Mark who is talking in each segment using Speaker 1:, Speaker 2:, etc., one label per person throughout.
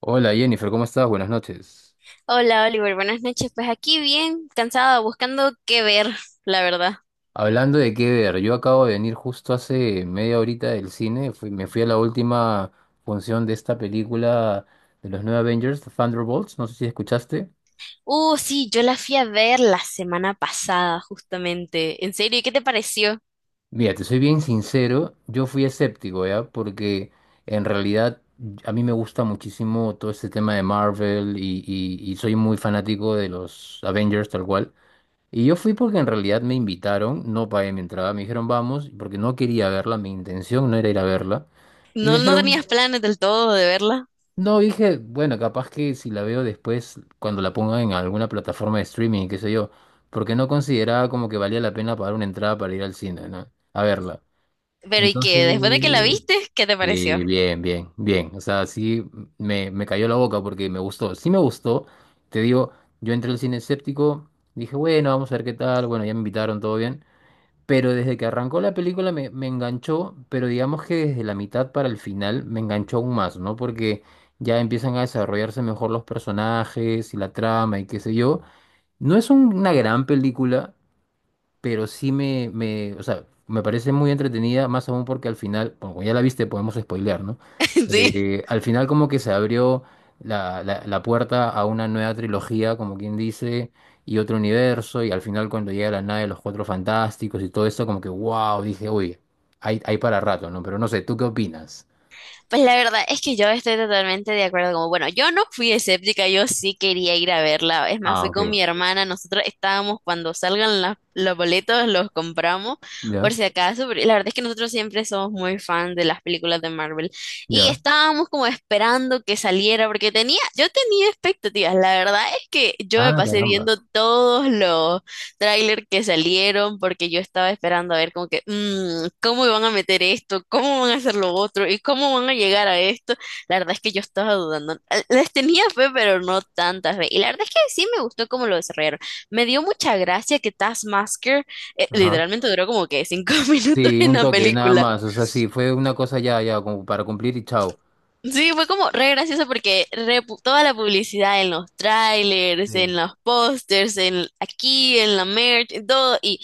Speaker 1: Hola Jennifer, ¿cómo estás? Buenas noches.
Speaker 2: Hola Oliver, buenas noches. Pues aquí bien cansada, buscando qué ver, la verdad.
Speaker 1: Hablando de qué ver, yo acabo de venir justo hace media horita del cine, me fui a la última función de esta película de los nuevos Avengers, Thunderbolts, no sé si escuchaste.
Speaker 2: Sí, yo la fui a ver la semana pasada, justamente. En serio, ¿y qué te pareció?
Speaker 1: Mira, te soy bien sincero, yo fui escéptico, ¿ya? Porque en realidad a mí me gusta muchísimo todo este tema de Marvel y soy muy fanático de los Avengers tal cual. Y yo fui porque en realidad me invitaron, no pagué mi entrada, me dijeron vamos, porque no quería verla, mi intención no era ir a verla. Y me
Speaker 2: No, no
Speaker 1: dijeron,
Speaker 2: tenías planes del todo de verla.
Speaker 1: no, dije, bueno, capaz que si la veo después, cuando la pongan en alguna plataforma de streaming, qué sé yo, porque no consideraba como que valía la pena pagar una entrada para ir al cine, ¿no? A verla.
Speaker 2: Pero ¿y
Speaker 1: Entonces,
Speaker 2: qué? Después de que la viste, ¿qué te
Speaker 1: sí,
Speaker 2: pareció?
Speaker 1: bien, bien, bien. O sea, sí me cayó la boca porque me gustó. Sí me gustó, te digo, yo entré al cine escéptico, dije, bueno, vamos a ver qué tal, bueno, ya me invitaron, todo bien. Pero desde que arrancó la película me enganchó, pero digamos que desde la mitad para el final me enganchó aún más, ¿no? Porque ya empiezan a desarrollarse mejor los personajes y la trama y qué sé yo. No es una gran película, pero sí o sea, me parece muy entretenida, más aún porque al final, bueno, como ya la viste, podemos spoilear, ¿no?
Speaker 2: Sí.
Speaker 1: Al final como que se abrió la puerta a una nueva trilogía, como quien dice, y otro universo, y al final cuando llega la nave de los Cuatro Fantásticos y todo esto, como que, wow, dije, uy, hay para rato, ¿no? Pero no sé, ¿tú qué opinas?
Speaker 2: Pues la verdad es que yo estoy totalmente de acuerdo. Como, bueno, yo no fui escéptica, yo sí quería ir a verla. Es más,
Speaker 1: Ah,
Speaker 2: fui
Speaker 1: ok.
Speaker 2: con mi hermana. Nosotros estábamos cuando salgan los boletos, los compramos por
Speaker 1: Ya,
Speaker 2: si acaso. Pero la verdad es que nosotros siempre somos muy fan de las películas de Marvel. Y
Speaker 1: ya.
Speaker 2: estábamos como esperando que saliera porque tenía, yo tenía expectativas. La verdad es que yo me
Speaker 1: Ah,
Speaker 2: pasé
Speaker 1: caramba.
Speaker 2: viendo todos los tráiler que salieron porque yo estaba esperando a ver como que, "Mm, ¿cómo van a meter esto? ¿Cómo van a hacer lo otro? ¿Y cómo van a llegar a esto?" La verdad es que yo estaba dudando. Les tenía fe, pero no tanta fe. Y la verdad es que sí me gustó cómo lo desarrollaron. Me dio mucha gracia que Taskmaster
Speaker 1: Ajá.
Speaker 2: literalmente duró como que cinco minutos
Speaker 1: Sí,
Speaker 2: en
Speaker 1: un
Speaker 2: la
Speaker 1: toque, nada
Speaker 2: película.
Speaker 1: más. O sea, sí, fue una cosa ya, ya, como para cumplir y chao.
Speaker 2: Sí, fue como re gracioso porque toda la publicidad en los trailers,
Speaker 1: Sí.
Speaker 2: en los pósters, en aquí, en la merch, en todo, y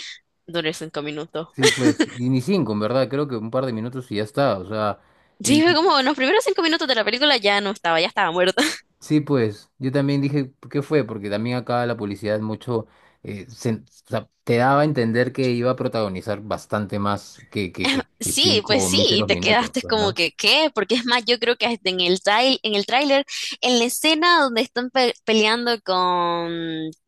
Speaker 2: duró cinco minutos.
Speaker 1: Sí, pues, y ni cinco, en verdad, creo que un par de minutos y ya está, o sea,
Speaker 2: Sí,
Speaker 1: y
Speaker 2: fue
Speaker 1: y
Speaker 2: como en los primeros cinco minutos de la película ya no estaba, ya estaba muerta.
Speaker 1: sí, pues, yo también dije, ¿qué fue? Porque también acá la publicidad mucho, o sea, te daba a entender que iba a protagonizar bastante más que
Speaker 2: Sí, pues
Speaker 1: cinco
Speaker 2: sí, y
Speaker 1: míseros
Speaker 2: te
Speaker 1: minutos,
Speaker 2: quedaste
Speaker 1: pues,
Speaker 2: como
Speaker 1: ¿no?
Speaker 2: que, ¿qué? Porque es más, yo creo que hasta en en el tráiler, en la escena donde están peleando con,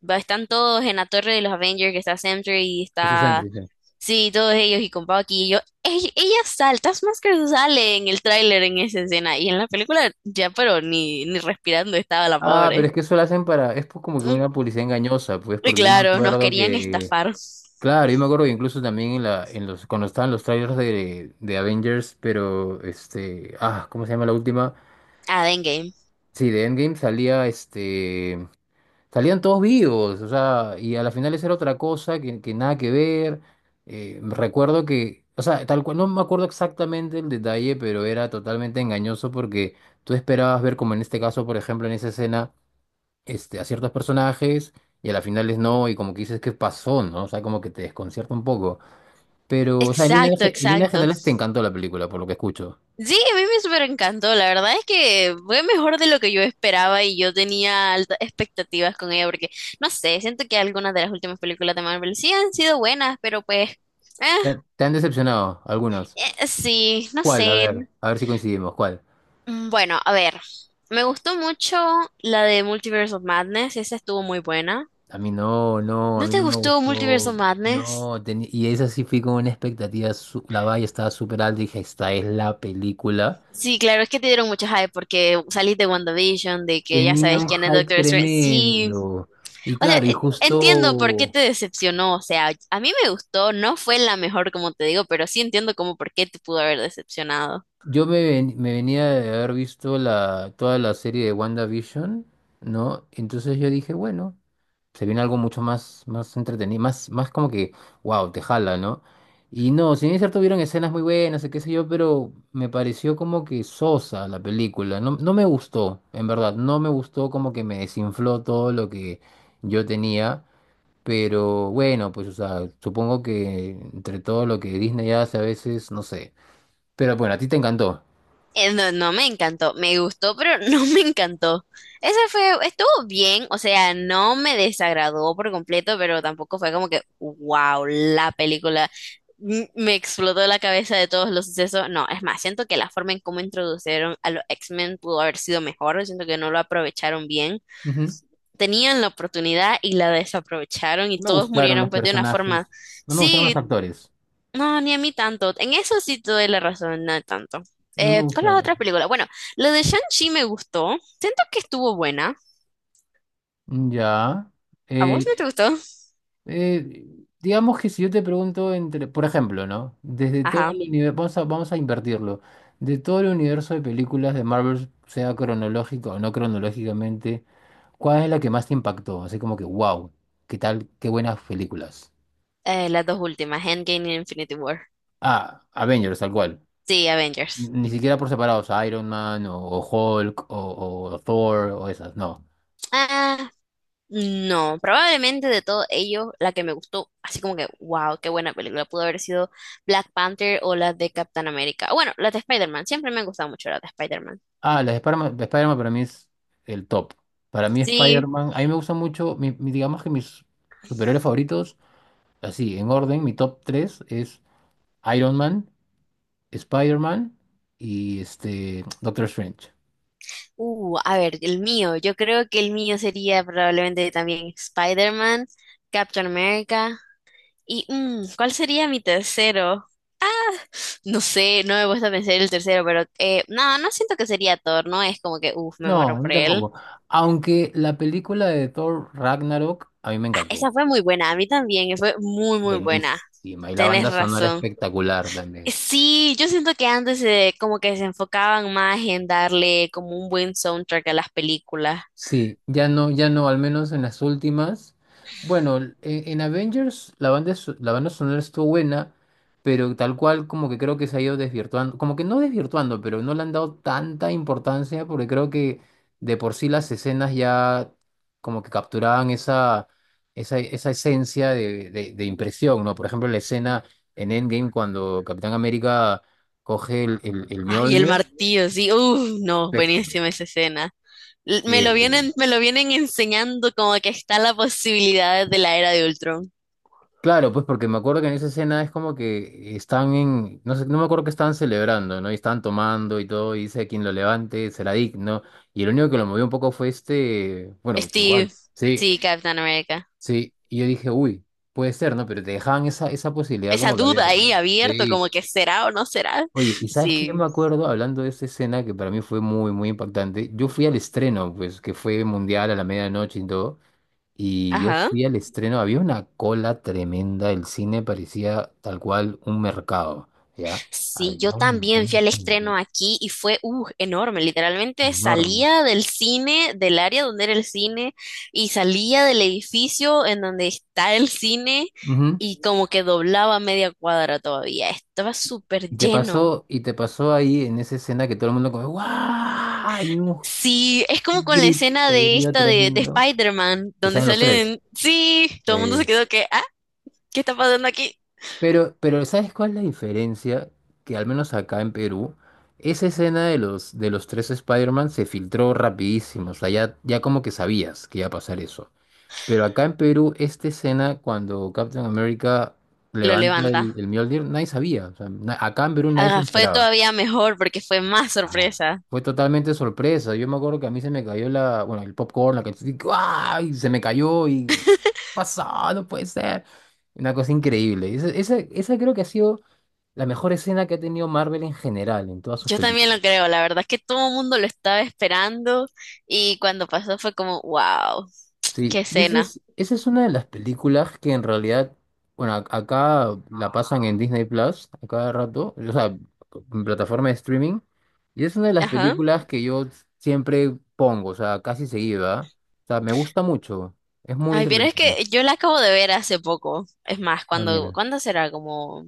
Speaker 2: están todos en la torre de los Avengers, que está Sentry y
Speaker 1: Eso es
Speaker 2: está,
Speaker 1: triste.
Speaker 2: sí, todos ellos y con Bucky y yo, "Ey, ella, sale". Taskmaster sale en el tráiler en esa escena y en la película ya, pero ni respirando estaba la
Speaker 1: Ah, pero
Speaker 2: pobre.
Speaker 1: es que eso lo hacen para, es pues como que una publicidad engañosa, pues,
Speaker 2: Y
Speaker 1: porque yo me
Speaker 2: claro, nos
Speaker 1: acuerdo
Speaker 2: querían
Speaker 1: que,
Speaker 2: estafar.
Speaker 1: claro, yo me acuerdo que incluso también en en los, cuando estaban los trailers de Avengers, pero, este, ah, ¿cómo se llama la última?
Speaker 2: Ah, dengue.
Speaker 1: Sí, de Endgame salía este. Salían todos vivos, o sea, y a la final esa era otra cosa que nada que ver. Recuerdo que, o sea, tal cual, no me acuerdo exactamente el detalle, pero era totalmente engañoso porque tú esperabas ver, como en este caso, por ejemplo, en esa escena, este, a ciertos personajes y a la final es no, y como que dices, ¿qué pasó? ¿No? O sea, como que te desconcierta un poco. Pero, o sea, en
Speaker 2: Exacto,
Speaker 1: en líneas
Speaker 2: exacto.
Speaker 1: generales te encantó la película, por lo que escucho.
Speaker 2: Sí, a mí me súper encantó. La verdad es que fue mejor de lo que yo esperaba y yo tenía altas expectativas con ella porque, no sé, siento que algunas de las últimas películas de Marvel sí han sido buenas, pero pues,
Speaker 1: Te han decepcionado algunos?
Speaker 2: sí, no
Speaker 1: ¿Cuál?
Speaker 2: sé.
Speaker 1: A ver si coincidimos, ¿cuál?
Speaker 2: Bueno, a ver, me gustó mucho la de Multiverse of Madness, esa estuvo muy buena.
Speaker 1: A mí no, No, a
Speaker 2: ¿No
Speaker 1: mí
Speaker 2: te
Speaker 1: no me
Speaker 2: gustó Multiverse
Speaker 1: gustó.
Speaker 2: of Madness?
Speaker 1: No, y esa sí fui con una expectativa, la valla estaba súper alta y dije, esta es la película.
Speaker 2: Sí, claro, es que te dieron mucho hype porque salís de WandaVision, de
Speaker 1: Sí,
Speaker 2: que ya
Speaker 1: tenía
Speaker 2: sabes
Speaker 1: un
Speaker 2: quién es
Speaker 1: hype
Speaker 2: Doctor Strange. Sí.
Speaker 1: tremendo. Y
Speaker 2: O sea,
Speaker 1: claro, y
Speaker 2: entiendo por qué
Speaker 1: justo,
Speaker 2: te decepcionó. O sea, a mí me gustó, no fue la mejor, como te digo, pero sí entiendo como por qué te pudo haber decepcionado.
Speaker 1: yo me venía de haber visto toda la serie de WandaVision, ¿no? Entonces yo dije, bueno, se viene algo mucho más, más entretenido, más, más como que, wow, te jala, ¿no? Y no, si bien es cierto, hubieron escenas muy buenas, y qué sé yo, pero me pareció como que sosa la película. No, no me gustó, en verdad, no me gustó como que me desinfló todo lo que yo tenía. Pero bueno, pues, o sea, supongo que entre todo lo que Disney hace a veces, no sé. Pero bueno, a ti te encantó.
Speaker 2: No, no me encantó, me gustó, pero no me encantó. Esa fue, estuvo bien, o sea, no me desagradó por completo, pero tampoco fue como que, wow, la película me explotó la cabeza de todos los sucesos. No, es más, siento que la forma en cómo introdujeron a los X-Men pudo haber sido mejor, siento que no lo aprovecharon bien.
Speaker 1: Ujú.
Speaker 2: Tenían la oportunidad y la desaprovecharon y
Speaker 1: No me
Speaker 2: todos
Speaker 1: gustaron los
Speaker 2: murieron pues de una
Speaker 1: personajes.
Speaker 2: forma.
Speaker 1: No me gustaron los
Speaker 2: Sí,
Speaker 1: actores.
Speaker 2: no, ni a mí tanto. En eso sí te doy la razón, no tanto.
Speaker 1: No me
Speaker 2: Con las
Speaker 1: gustaron.
Speaker 2: otras películas, bueno, lo de Shang-Chi me gustó. Siento que estuvo buena.
Speaker 1: Ya.
Speaker 2: ¿A vos
Speaker 1: Eh,
Speaker 2: no te gustó?
Speaker 1: eh, digamos que si yo te pregunto entre, por ejemplo, ¿no? Desde todo
Speaker 2: Ajá.
Speaker 1: el universo, vamos a invertirlo. De todo el universo de películas de Marvel, sea cronológico o no cronológicamente, ¿cuál es la que más te impactó? Así como que, wow, qué tal, qué buenas películas.
Speaker 2: Las dos últimas, Endgame y Infinity War.
Speaker 1: Ah, Avengers, tal cual.
Speaker 2: Sí, Avengers.
Speaker 1: Ni siquiera por separados, o Hulk o Thor o esas, no.
Speaker 2: Ah, no, probablemente de todo ello, la que me gustó, así como que, wow, qué buena película, pudo haber sido Black Panther o la de Captain America. Bueno, la de Spider-Man, siempre me han gustado mucho la de Spider-Man.
Speaker 1: Ah, las de Spider-Man para mí es el top. Para mí
Speaker 2: Sí,
Speaker 1: Spider-Man, a mí me gusta mucho, digamos que mis superhéroes favoritos, así, en orden, mi top 3 es Iron Man, Spider-Man y este Doctor Strange.
Speaker 2: a ver, el mío, yo creo que el mío sería probablemente también Spider-Man, Captain America y mm, ¿cuál sería mi tercero? No sé, no me gusta pensar el tercero, pero no, no siento que sería Thor, no es como que, uff, me
Speaker 1: No,
Speaker 2: muero
Speaker 1: a mí
Speaker 2: por él.
Speaker 1: tampoco. Aunque la película de Thor Ragnarok a mí me
Speaker 2: Ah,
Speaker 1: encantó.
Speaker 2: esa fue muy buena, a mí también, fue muy, muy buena,
Speaker 1: Buenísima. Y la
Speaker 2: tenés
Speaker 1: banda sonora
Speaker 2: razón.
Speaker 1: espectacular también.
Speaker 2: Sí, yo siento que antes como que se enfocaban más en darle como un buen soundtrack a las películas.
Speaker 1: Sí, ya no, ya no, al menos en las últimas. Bueno, en Avengers la banda sonora estuvo buena, pero tal cual como que creo que se ha ido desvirtuando, como que no desvirtuando, pero no le han dado tanta importancia porque creo que de por sí las escenas ya como que capturaban esa, esa, esa esencia de impresión, ¿no? Por ejemplo, la escena en Endgame cuando Capitán América coge el
Speaker 2: Ay, el
Speaker 1: Mjolnir.
Speaker 2: martillo, sí. Uff, no,
Speaker 1: Espe-
Speaker 2: buenísima esa escena.
Speaker 1: Sí,
Speaker 2: Me lo vienen enseñando como que está la posibilidad de la era de Ultron.
Speaker 1: claro, pues porque me acuerdo que en esa escena es como que están en, no sé, no me acuerdo que estaban celebrando, ¿no? Y estaban tomando y todo, y dice quien lo levante será digno. Y el único que lo movió un poco fue este, bueno, tal cual.
Speaker 2: Steve,
Speaker 1: Sí,
Speaker 2: sí, Capitán América.
Speaker 1: sí. Y yo dije, uy, puede ser, ¿no? Pero te dejaban esa, esa posibilidad
Speaker 2: Esa
Speaker 1: como que
Speaker 2: duda
Speaker 1: abierta.
Speaker 2: ahí abierto,
Speaker 1: Sí.
Speaker 2: como que será o no será.
Speaker 1: Oye, y sabes que yo me
Speaker 2: Sí.
Speaker 1: acuerdo, hablando de esa escena que para mí fue muy, muy impactante, yo fui al estreno, pues, que fue mundial a la medianoche y todo. Y yo
Speaker 2: Ajá.
Speaker 1: fui al estreno, había una cola tremenda, el cine parecía tal cual un mercado, ¿ya?
Speaker 2: Sí, yo
Speaker 1: Había un
Speaker 2: también
Speaker 1: montón
Speaker 2: fui al
Speaker 1: de gente,
Speaker 2: estreno aquí y fue enorme. Literalmente
Speaker 1: enorme.
Speaker 2: salía del cine, del área donde era el cine, y salía del edificio en donde está el cine,
Speaker 1: Ujú.
Speaker 2: y como que doblaba media cuadra todavía. Estaba súper lleno.
Speaker 1: Y te pasó ahí en esa escena que todo el mundo como, ¡guau! Hay un
Speaker 2: Sí, es como con la escena de
Speaker 1: griterío
Speaker 2: esta de
Speaker 1: tremendo,
Speaker 2: Spider-Man,
Speaker 1: que
Speaker 2: donde
Speaker 1: salen los tres.
Speaker 2: salen, sí, todo el mundo se
Speaker 1: Eh,
Speaker 2: quedó que, ah, ¿qué está pasando aquí?
Speaker 1: pero ¿sabes cuál es la diferencia? Que al menos acá en Perú, esa escena de los tres Spider-Man se filtró rapidísimo, o sea, ya, ya como que sabías que iba a pasar eso. Pero acá en Perú, esta escena, cuando Captain America
Speaker 2: Lo
Speaker 1: levanta
Speaker 2: levanta.
Speaker 1: el Mjolnir, nadie sabía. O sea, acá en Perú nadie se
Speaker 2: Ah,
Speaker 1: lo
Speaker 2: fue
Speaker 1: esperaba.
Speaker 2: todavía mejor porque fue más
Speaker 1: Ah,
Speaker 2: sorpresa.
Speaker 1: fue totalmente sorpresa. Yo me acuerdo que a mí se me cayó la, bueno, el popcorn, la canción, ¡ay! Se me cayó y pasó, no puede ser. Una cosa increíble. Esa creo que ha sido la mejor escena que ha tenido Marvel en general, en todas sus
Speaker 2: Yo también lo
Speaker 1: películas.
Speaker 2: creo, la verdad es que todo el mundo lo estaba esperando y cuando pasó fue como, wow, qué
Speaker 1: Sí,
Speaker 2: escena.
Speaker 1: esa es una de las películas que en realidad, bueno, acá la pasan en Disney Plus a cada rato, o sea, en plataforma de streaming, y es una de las
Speaker 2: Ajá.
Speaker 1: películas que yo siempre pongo, o sea, casi seguida. O sea, me gusta mucho, es muy
Speaker 2: Ay, pero es
Speaker 1: entretenida.
Speaker 2: que yo la acabo de ver hace poco. Es más,
Speaker 1: Ah,
Speaker 2: cuando,
Speaker 1: mira.
Speaker 2: ¿cuándo será? Como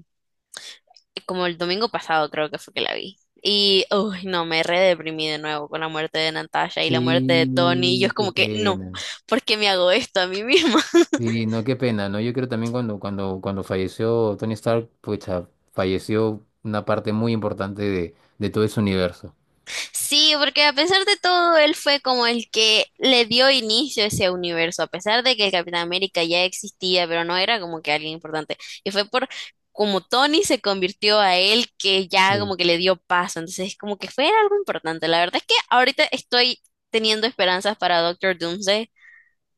Speaker 2: como el domingo pasado creo que fue que la vi. Y, uy, no, me re deprimí de nuevo con la muerte de Natasha y la muerte de Tony. Y yo
Speaker 1: Sí,
Speaker 2: es
Speaker 1: qué
Speaker 2: como que, no,
Speaker 1: pena.
Speaker 2: ¿por qué me hago esto a mí misma?
Speaker 1: Sí, no, qué pena, ¿no? Yo creo también cuando falleció Tony Stark, pucha, falleció una parte muy importante de todo ese universo.
Speaker 2: Sí, porque a pesar de todo, él fue como el que le dio inicio a ese universo, a pesar de que el Capitán América ya existía, pero no era como que alguien importante. Y fue por como Tony se convirtió a él que ya como que le dio paso. Entonces, como que fue algo importante. La verdad es que ahorita estoy teniendo esperanzas para Doctor Doomsday.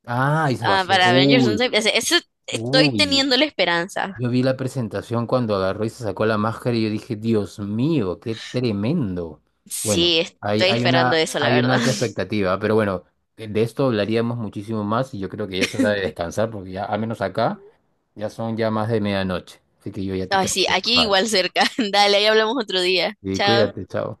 Speaker 1: Ah, y
Speaker 2: Ah,
Speaker 1: Sebastián.
Speaker 2: para Avengers
Speaker 1: Uy,
Speaker 2: Doomsday, estoy
Speaker 1: uy.
Speaker 2: teniendo la esperanza.
Speaker 1: Yo vi la presentación cuando agarró y se sacó la máscara y yo dije, Dios mío, qué tremendo. Bueno,
Speaker 2: Sí, estoy esperando eso, la
Speaker 1: hay una
Speaker 2: verdad.
Speaker 1: alta expectativa, pero bueno, de esto hablaríamos muchísimo más y yo creo que ya es hora de descansar porque ya, al menos acá, ya son ya más de medianoche. Así que yo ya te
Speaker 2: Ay,
Speaker 1: tengo
Speaker 2: sí,
Speaker 1: que
Speaker 2: aquí
Speaker 1: dejar.
Speaker 2: igual cerca. Dale, ahí hablamos otro día.
Speaker 1: Y
Speaker 2: Chao.
Speaker 1: cuídate, chao.